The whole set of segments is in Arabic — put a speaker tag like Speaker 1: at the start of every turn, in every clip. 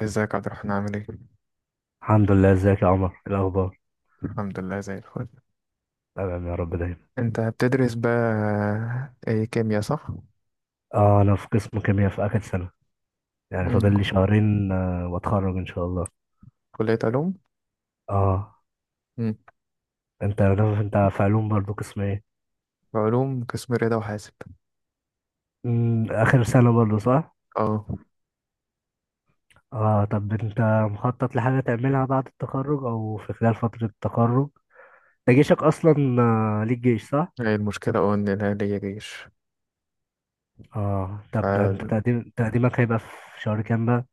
Speaker 1: ازيك يا عبد الرحمن عامل ايه؟
Speaker 2: الحمد لله. ازيك يا عمر؟ إيه الاخبار؟
Speaker 1: الحمد لله زي الفل.
Speaker 2: تمام يا رب دايما.
Speaker 1: انت بتدرس بقى، ايه كيمياء صح؟
Speaker 2: اه، انا في قسم كيمياء في اخر سنه. يعني
Speaker 1: مم.
Speaker 2: فاضل لي 2 شهرين واتخرج ان شاء الله.
Speaker 1: كلية علوم؟
Speaker 2: اه
Speaker 1: مم.
Speaker 2: انت انت في علوم برضو قسم ايه؟
Speaker 1: علوم قسم رياضة وحاسب.
Speaker 2: اخر سنه برضو صح؟
Speaker 1: اه،
Speaker 2: اه طب انت مخطط لحاجه تعملها بعد التخرج او في خلال فتره التخرج؟ ده جيشك اصلا. ليك جيش صح؟
Speaker 1: هي المشكلة ان انا ليا جيش.
Speaker 2: اه طب ده انت
Speaker 1: فالمفروض
Speaker 2: تقديمك هيبقى في شهر كام بقى؟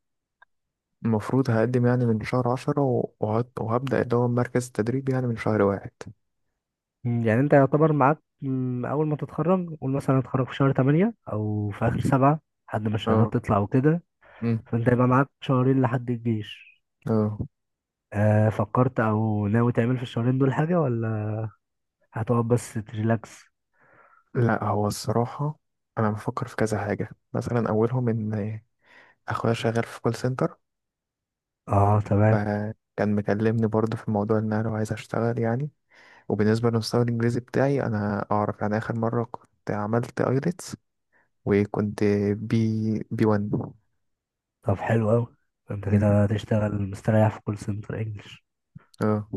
Speaker 1: هقدم يعني من شهر عشرة وهبدأ اللي هو مركز التدريب يعني من شهر واحد.
Speaker 2: يعني انت يعتبر معاك اول ما تتخرج قول مثلا هتخرج في شهر 8 او في اخر 7 لحد ما الشهادات
Speaker 1: اه.
Speaker 2: تطلع وكده.
Speaker 1: مم.
Speaker 2: فانت يبقى معاك 2 شهرين لحد الجيش.
Speaker 1: اه.
Speaker 2: فكرت او ناوي تعمل في الـ2 شهرين دول حاجة ولا هتقعد بس تريلاكس؟
Speaker 1: لا هو الصراحة، انا بفكر في كذا حاجة، مثلا اولهم ان اخويا شغال في كول سنتر.
Speaker 2: اه تمام.
Speaker 1: فكان مكلمني برضه في موضوع ان انا لو عايز اشتغل يعني. وبالنسبه لمستوى الانجليزي بتاعي انا اعرف يعني، اخر مره كنت عملت ايلتس وكنت بي بي 1.
Speaker 2: طب حلو اوي، انت
Speaker 1: مم.
Speaker 2: كده هتشتغل مستريح في كول سنتر انجلش.
Speaker 1: اه.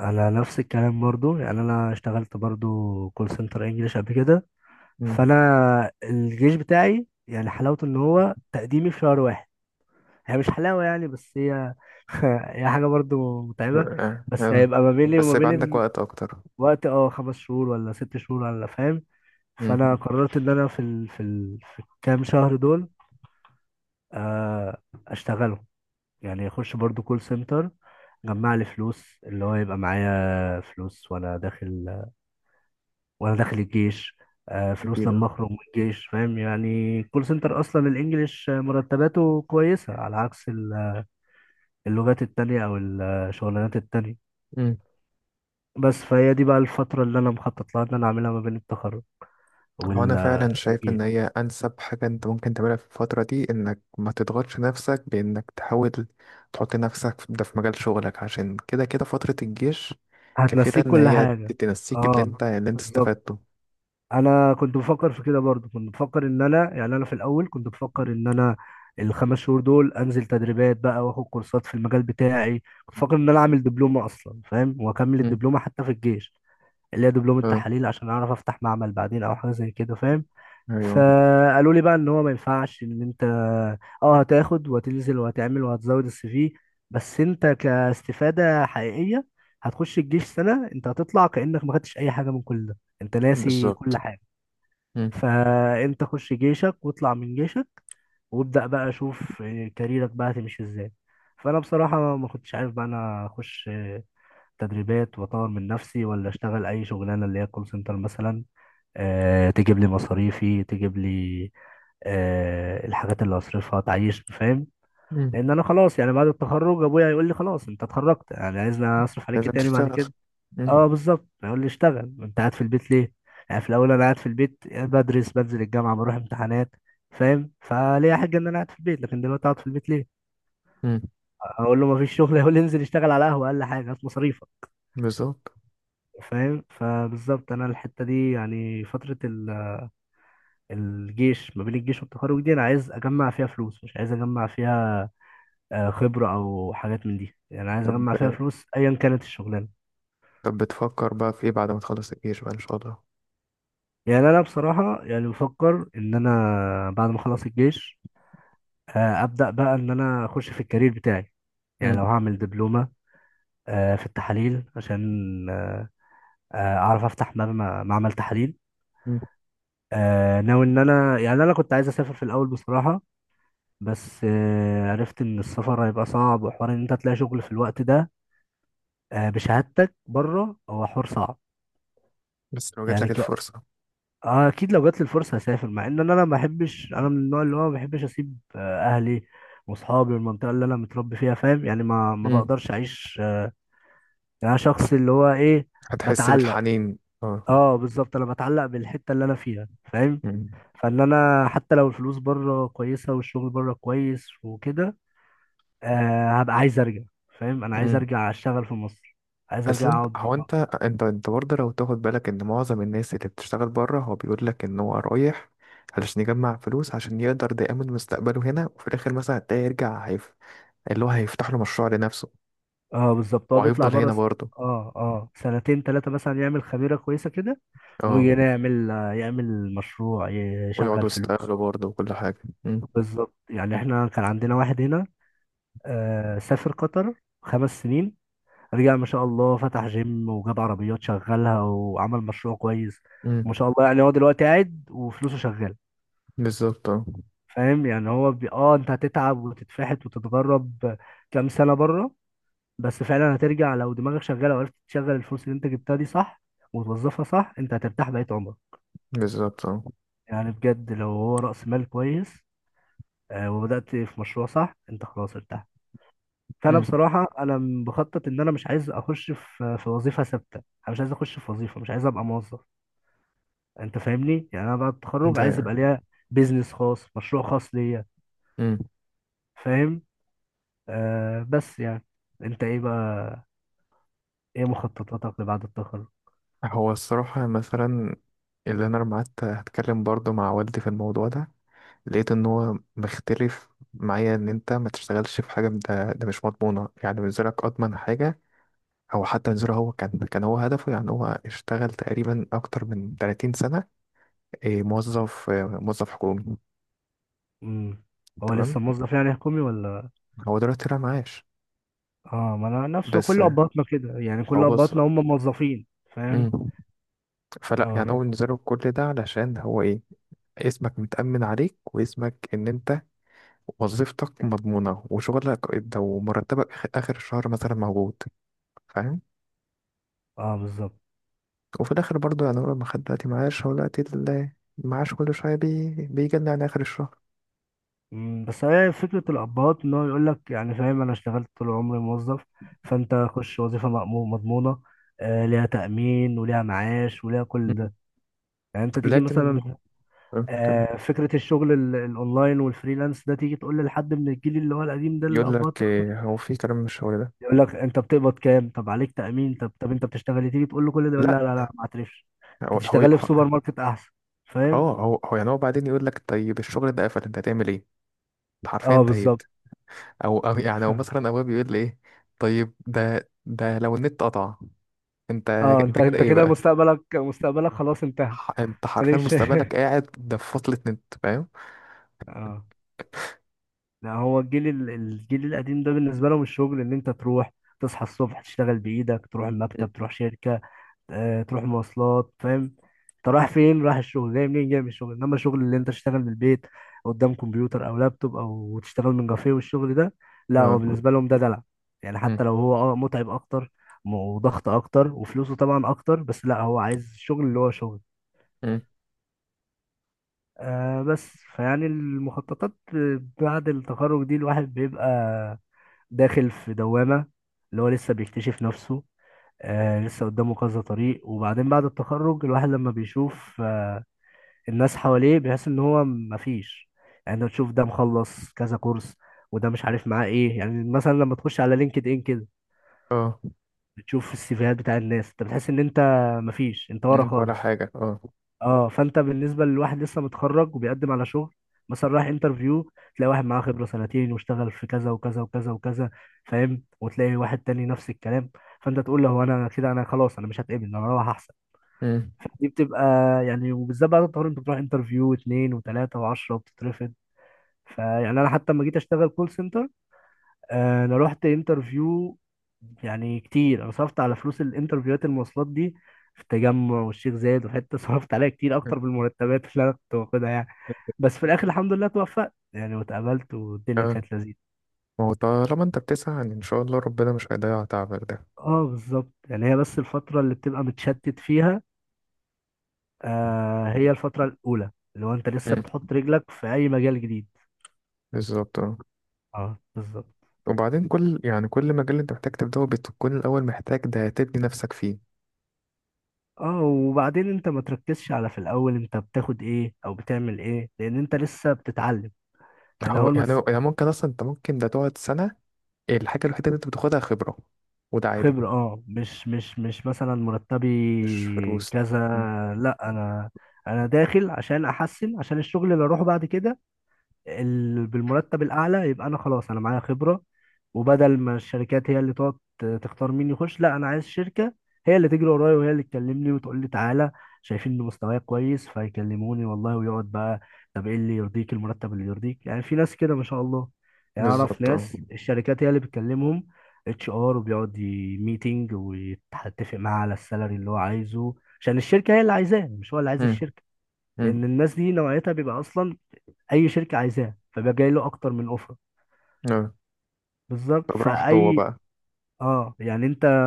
Speaker 2: انا نفس الكلام برضو، يعني انا اشتغلت برضو كول سنتر انجلش قبل كده.
Speaker 1: مم.
Speaker 2: فانا الجيش بتاعي يعني حلاوته ان هو تقديمي في شهر 1. هي مش حلاوة يعني، بس هي هي حاجة برضو متعبة.
Speaker 1: اه.
Speaker 2: بس
Speaker 1: آه.
Speaker 2: هيبقى ما بيني
Speaker 1: بس
Speaker 2: وما
Speaker 1: يبقى عندك
Speaker 2: بين
Speaker 1: وقت اكتر.
Speaker 2: الوقت، اه، 5 شهور ولا 6 شهور ولا، فاهم؟
Speaker 1: مم.
Speaker 2: فأنا قررت إن أنا في الكام شهر دول، آه، أشتغلهم. يعني أخش برضو كول سنتر، جمع لي فلوس اللي هو يبقى معايا فلوس وأنا داخل الجيش. فلوس
Speaker 1: اكيد.
Speaker 2: لما أخرج من الجيش، فاهم؟ يعني كول سنتر أصلا الإنجليش مرتباته كويسة على عكس اللغات التانية أو الشغلانات التانية.
Speaker 1: اه.
Speaker 2: بس فهي دي بقى الفترة اللي أنا مخطط لها إن أنا أعملها ما بين التخرج
Speaker 1: هو
Speaker 2: وال
Speaker 1: انا فعلا شايف ان
Speaker 2: والجيش.
Speaker 1: هي انسب حاجه انت ممكن تعملها في الفتره دي، انك ما تضغطش نفسك بانك تحاول تحط نفسك ده في مجال شغلك، عشان كده كده فتره الجيش كفيله
Speaker 2: هتنسيك
Speaker 1: ان
Speaker 2: كل
Speaker 1: هي
Speaker 2: حاجة.
Speaker 1: تنسيك
Speaker 2: اه
Speaker 1: اللي انت
Speaker 2: بالظبط.
Speaker 1: استفدته.
Speaker 2: أنا كنت بفكر في كده برضو، كنت بفكر إن أنا، يعني أنا في الأول كنت بفكر إن أنا الـ5 شهور دول أنزل تدريبات بقى وآخد كورسات في المجال بتاعي. كنت بفكر إن أنا أعمل دبلومة أصلا، فاهم، وأكمل
Speaker 1: مم.
Speaker 2: الدبلومة حتى في الجيش، اللي هي دبلومة
Speaker 1: اه.
Speaker 2: تحاليل عشان أعرف أفتح معمل بعدين أو حاجة زي كده، فاهم.
Speaker 1: ايوه.
Speaker 2: فقالوا لي بقى ان هو ما ينفعش ان انت اه هتاخد وهتنزل وهتعمل وهتزود السي في، بس انت كاستفادة حقيقية هتخش الجيش 1 سنة انت هتطلع كأنك ما خدتش اي حاجة من كل ده، انت ناسي
Speaker 1: بالظبط.
Speaker 2: كل حاجة.
Speaker 1: مم.
Speaker 2: فانت خش جيشك واطلع من جيشك وابدأ بقى شوف كاريرك بقى هتمشي ازاي. فانا بصراحة ما كنتش عارف بقى انا اخش تدريبات واطور من نفسي ولا اشتغل اي شغلانة اللي هي كول سنتر مثلا، تجيب لي مصاريفي، تجيب لي الحاجات اللي هصرفها تعيش، فاهم؟
Speaker 1: مم.
Speaker 2: لان انا خلاص يعني بعد التخرج ابويا هيقول لي خلاص انت اتخرجت، يعني عايزني اصرف عليك
Speaker 1: لازم
Speaker 2: إيه تاني بعد
Speaker 1: تشتغل.
Speaker 2: كده؟
Speaker 1: مم.
Speaker 2: اه بالظبط، هيقول لي اشتغل انت قاعد في البيت ليه. يعني في الاول انا قاعد في البيت بدرس، بنزل الجامعه، بروح امتحانات، فاهم، فليه حاجه ان انا قاعد في البيت، لكن دلوقتي اقعد في البيت ليه؟
Speaker 1: مم.
Speaker 2: اقول له ما فيش شغل، يقول لي انزل اشتغل على قهوه، اقل حاجه هات مصاريفك،
Speaker 1: بالظبط.
Speaker 2: فاهم. فبالظبط انا الحته دي يعني فتره ال الجيش، ما بين الجيش والتخرج دي انا عايز اجمع فيها فلوس، مش عايز اجمع فيها خبرة او حاجات من دي، يعني عايز
Speaker 1: طب
Speaker 2: اجمع فيها فلوس ايا كانت الشغلانة.
Speaker 1: طب بتفكر بقى في ايه بعد ما تخلص الجيش بقى ان شاء الله؟
Speaker 2: يعني انا بصراحة يعني بفكر ان انا بعد ما اخلص الجيش ابدا بقى ان انا اخش في الكارير بتاعي. يعني
Speaker 1: مم.
Speaker 2: لو هعمل دبلومة في التحاليل عشان آه، اعرف افتح معمل تحاليل.
Speaker 1: مم.
Speaker 2: ناوي ان انا، يعني انا كنت عايز اسافر في الاول بصراحة، بس عرفت ان السفر هيبقى صعب وحوار ان انت تلاقي شغل في الوقت ده بشهادتك بره، هو حوار صعب.
Speaker 1: بس لو جات لك
Speaker 2: يعني ك...
Speaker 1: الفرصه.
Speaker 2: آه اكيد لو جات لي الفرصه هسافر، مع ان انا ما بحبش، انا من النوع اللي هو ما بحبش اسيب اهلي واصحابي والمنطقه اللي انا متربي فيها، فاهم، يعني ما
Speaker 1: مم.
Speaker 2: بقدرش اعيش يعني انا شخص اللي هو ايه،
Speaker 1: هتحس
Speaker 2: بتعلق.
Speaker 1: بالحنين اه.
Speaker 2: اه بالظبط، انا بتعلق بالحته اللي انا فيها، فاهم.
Speaker 1: مم.
Speaker 2: فان انا حتى لو الفلوس بره كويسه والشغل بره كويس وكده هبقى عايز ارجع، فاهم، انا عايز
Speaker 1: مم.
Speaker 2: ارجع اشتغل في مصر، عايز
Speaker 1: اصل
Speaker 2: ارجع
Speaker 1: انت
Speaker 2: اقعد.
Speaker 1: هو انت انت انت برضه، لو تاخد بالك ان معظم الناس اللي بتشتغل بره هو بيقول لك ان هو رايح علشان يجمع فلوس، عشان يقدر ده يأمن مستقبله هنا، وفي الاخر مثلا هتلاقيه يرجع اللي هو هيفتح له مشروع لنفسه،
Speaker 2: اه بالظبط. هو بيطلع
Speaker 1: وهيفضل
Speaker 2: بره
Speaker 1: هنا برضه.
Speaker 2: اه، 2 3 مثلا، يعمل خميرة كويسة كده ويجي
Speaker 1: اه.
Speaker 2: هنا يعمل يعمل مشروع،
Speaker 1: ويقعدوا
Speaker 2: يشغل
Speaker 1: يستقبلوا
Speaker 2: فلوسه.
Speaker 1: برضه وكل حاجة.
Speaker 2: بالظبط. يعني احنا كان عندنا واحد هنا سافر قطر 5 سنين، رجع ما شاء الله فتح جيم وجاب عربيات شغلها وعمل مشروع كويس.
Speaker 1: امم
Speaker 2: ما شاء الله. يعني هو دلوقتي قاعد وفلوسه شغالة،
Speaker 1: بالظبط. اه.
Speaker 2: فاهم. اه انت هتتعب وتتفحت وتتغرب كام سنة بره، بس فعلا هترجع لو دماغك شغاله وعرفت تشغل الفلوس اللي انت جبتها دي صح وتوظفها صح، انت هترتاح بقية عمرك.
Speaker 1: بالظبط. اه.
Speaker 2: يعني بجد لو هو رأس مال كويس وبدأت في مشروع صح، انت خلاص ارتحت. فانا
Speaker 1: امم
Speaker 2: بصراحه انا بخطط ان انا مش عايز اخش في وظيفه ثابته، انا مش عايز اخش في وظيفه، مش عايز ابقى موظف. انت فاهمني؟ يعني انا بعد التخرج
Speaker 1: ده
Speaker 2: عايز يبقى
Speaker 1: يعني.
Speaker 2: ليا بيزنس خاص، مشروع خاص ليا،
Speaker 1: امم
Speaker 2: فاهم. بس يعني انت ايه بقى؟ ايه مخططاتك لبعد التخرج؟
Speaker 1: هو الصراحة مثلا، اللي انا لما قعدت اتكلم برضه مع والدي في الموضوع ده، لقيت ان هو مختلف معايا، ان انت ما تشتغلش في حاجه، ده مش مضمونه. يعني بالنسبه لك اضمن حاجه، او حتى بالنسبه له، هو كان هو هدفه. يعني هو اشتغل تقريبا اكتر من 30 سنه، إيه، موظف، موظف حكومي.
Speaker 2: امم. هو
Speaker 1: تمام.
Speaker 2: لسه موظف يعني حكومي ولا؟
Speaker 1: هو دلوقتي طلع معاش.
Speaker 2: اه، ما انا نفسه.
Speaker 1: بس
Speaker 2: كل
Speaker 1: آه،
Speaker 2: ابهاتنا كده، يعني كل
Speaker 1: هو بص.
Speaker 2: ابهاتنا هم موظفين، فاهم.
Speaker 1: مم. فلا،
Speaker 2: اه
Speaker 1: يعني
Speaker 2: ف...
Speaker 1: هو بالنسبه له كل ده علشان هو ايه، اسمك متأمن عليك، واسمك ان انت وظيفتك مضمونه وشغلك ده، ومرتبك اخر الشهر مثلا موجود، فاهم.
Speaker 2: اه بالظبط.
Speaker 1: وفي الاخر برضو، يعني هو ما خد دلوقتي معاش، هو دلوقتي المعاش كل شويه بيجي يعني اخر الشهر.
Speaker 2: بس هي فكره الابهات ان هو يقول لك، يعني فاهم، انا اشتغلت طول عمري موظف، فانت خش وظيفه مضمونه ليها تامين وليها معاش وليها كل
Speaker 1: مم.
Speaker 2: ده. يعني انت تيجي
Speaker 1: لكن
Speaker 2: مثلا
Speaker 1: كان
Speaker 2: فكره الشغل الاونلاين والفريلانس ده، تيجي تقول لحد من الجيل اللي هو القديم ده،
Speaker 1: يقول
Speaker 2: الابهات،
Speaker 1: لك إيه، هو في كلام من الشغل ده؟
Speaker 2: يقول لك انت بتقبض كام؟ طب عليك تأمين؟ طب طب انت بتشتغل إيه؟ تيجي تقول له كل ده يقول لا
Speaker 1: لا.
Speaker 2: لا لا ما اعترفش،
Speaker 1: هو
Speaker 2: انت
Speaker 1: هو
Speaker 2: تشتغل لي في سوبر ماركت احسن،
Speaker 1: اه
Speaker 2: فاهم.
Speaker 1: هو هو يعني هو بعدين يقول لك، طيب الشغل ده قفل، انت هتعمل ايه؟ انت حرفيا
Speaker 2: اه بالظبط.
Speaker 1: انتهيت. او او مثلا، ابويا بيقول لي ايه، طيب ده لو النت قطع انت
Speaker 2: اه انت
Speaker 1: انت كده
Speaker 2: انت
Speaker 1: ايه
Speaker 2: كده
Speaker 1: بقى،
Speaker 2: مستقبلك، مستقبلك خلاص انتهى.
Speaker 1: انت حرفيا
Speaker 2: ماليش.
Speaker 1: مستقبلك قاعد ده في فصلة نت، فاهم.
Speaker 2: اه. لا هو الجيل الجيل القديم ده بالنسبه لهم الشغل ان انت تروح تصحى الصبح تشتغل بايدك، تروح المكتب، تروح شركه، تروح مواصلات، فاهم، انت رايح فين؟ رايح الشغل. جاي منين؟ جاي من الشغل. انما الشغل اللي انت تشتغل من البيت قدام كمبيوتر او لابتوب او تشتغل من كافيه والشغل ده، لا هو
Speaker 1: اه.
Speaker 2: بالنسبه لهم ده دلع. يعني
Speaker 1: مم.
Speaker 2: حتى لو هو اه متعب اكتر وضغط اكتر وفلوسه طبعا اكتر، بس لا هو عايز الشغل اللي هو شغل.
Speaker 1: مم.
Speaker 2: آه بس فيعني المخططات بعد التخرج دي الواحد بيبقى داخل في دوامة، اللي هو لسه بيكتشف نفسه، آه لسه قدامه كذا طريق. وبعدين بعد التخرج الواحد لما بيشوف آه الناس حواليه بيحس ان هو مفيش. يعني انت بتشوف ده مخلص كذا كورس وده مش عارف معاه ايه، يعني مثلا لما تخش على لينكد ان كده
Speaker 1: اه.
Speaker 2: بتشوف السيفيهات بتاع الناس، انت بتحس ان انت مفيش، انت ورا
Speaker 1: مم. ولا
Speaker 2: خالص.
Speaker 1: حاجة اه.
Speaker 2: اه فانت بالنسبه للواحد لسه متخرج وبيقدم على شغل، مثلا رايح انترفيو، تلاقي واحد معاه خبره 2 سنين واشتغل في كذا وكذا وكذا وكذا، فاهم، وتلاقي واحد تاني نفس الكلام، فانت تقول له هو انا كده انا خلاص انا مش هتقبل انا هروح. دي بتبقى يعني وبالذات بعد الطوارئ، انت بتروح انترفيو واثنين وثلاثه وعشرة وبتترفض. فيعني انا حتى لما جيت اشتغل كول سنتر انا رحت انترفيو يعني كتير، انا صرفت على فلوس الانترفيوهات المواصلات دي في التجمع والشيخ زايد وحته صرفت عليها كتير اكتر من المرتبات اللي انا كنت باخدها يعني. بس في الاخر الحمد لله توفقت يعني واتقبلت والدنيا
Speaker 1: آه،
Speaker 2: كانت لذيذه.
Speaker 1: ما هو طالما انت بتسعى، يعني ان شاء الله ربنا مش هيضيع تعبك ده.
Speaker 2: اه بالظبط. يعني هي بس الفتره اللي بتبقى متشتت فيها هي الفتره الاولى اللي هو انت لسه
Speaker 1: مم.
Speaker 2: بتحط رجلك في اي مجال جديد.
Speaker 1: بالظبط اه.
Speaker 2: اه بالظبط.
Speaker 1: وبعدين يعني كل مجال انت محتاج تبدأه، بتكون الأول محتاج ده تبني نفسك فيه.
Speaker 2: اه وبعدين انت ما تركزش على في الاول انت بتاخد ايه او بتعمل ايه، لان انت لسه بتتعلم. يعني اول ما س-
Speaker 1: ممكن أصلا، انت ممكن ده تقعد سنة، الحاجة الوحيدة اللي انت بتاخدها خبرة، وده عادي.
Speaker 2: خبرة اه، مش مثلا مرتبي
Speaker 1: مش فلوس، لا.
Speaker 2: كذا،
Speaker 1: مم.
Speaker 2: لا انا انا داخل عشان احسن، عشان الشغل اللي اروحه بعد كده بالمرتب الاعلى يبقى انا خلاص انا معايا خبره. وبدل ما الشركات هي اللي تقعد تختار مين يخش، لا انا عايز شركه هي اللي تجري ورايا وهي اللي تكلمني وتقول لي تعالى، شايفين ان مستواي كويس فيكلموني والله ويقعد بقى طب ايه اللي يرضيك، المرتب اللي يرضيك. يعني في ناس كده ما شاء الله، يعني اعرف
Speaker 1: بالظبط اه.
Speaker 2: ناس الشركات هي اللي بتكلمهم، اتش ار، وبيقعد ميتنج ويتفق معاه على السالري اللي هو عايزه، عشان الشركه هي اللي عايزاه مش هو اللي عايز
Speaker 1: مم.
Speaker 2: الشركه،
Speaker 1: مم.
Speaker 2: لان الناس دي نوعيتها بيبقى اصلا اي شركه عايزاه فبقى جاي له اكتر من اوفر.
Speaker 1: آه.
Speaker 2: بالظبط.
Speaker 1: طب راحت هو بقى.
Speaker 2: اه يعني انت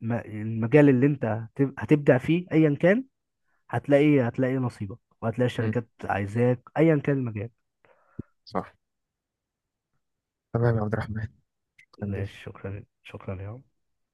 Speaker 2: المجال اللي انت هتبدع فيه ايا كان هتلاقي، هتلاقي نصيبك وهتلاقي
Speaker 1: مم.
Speaker 2: الشركات عايزاك ايا كان المجال.
Speaker 1: صح. تمام يا عبد الرحمن،
Speaker 2: ماشي،
Speaker 1: خليك.
Speaker 2: شكرا شكرا يا عم.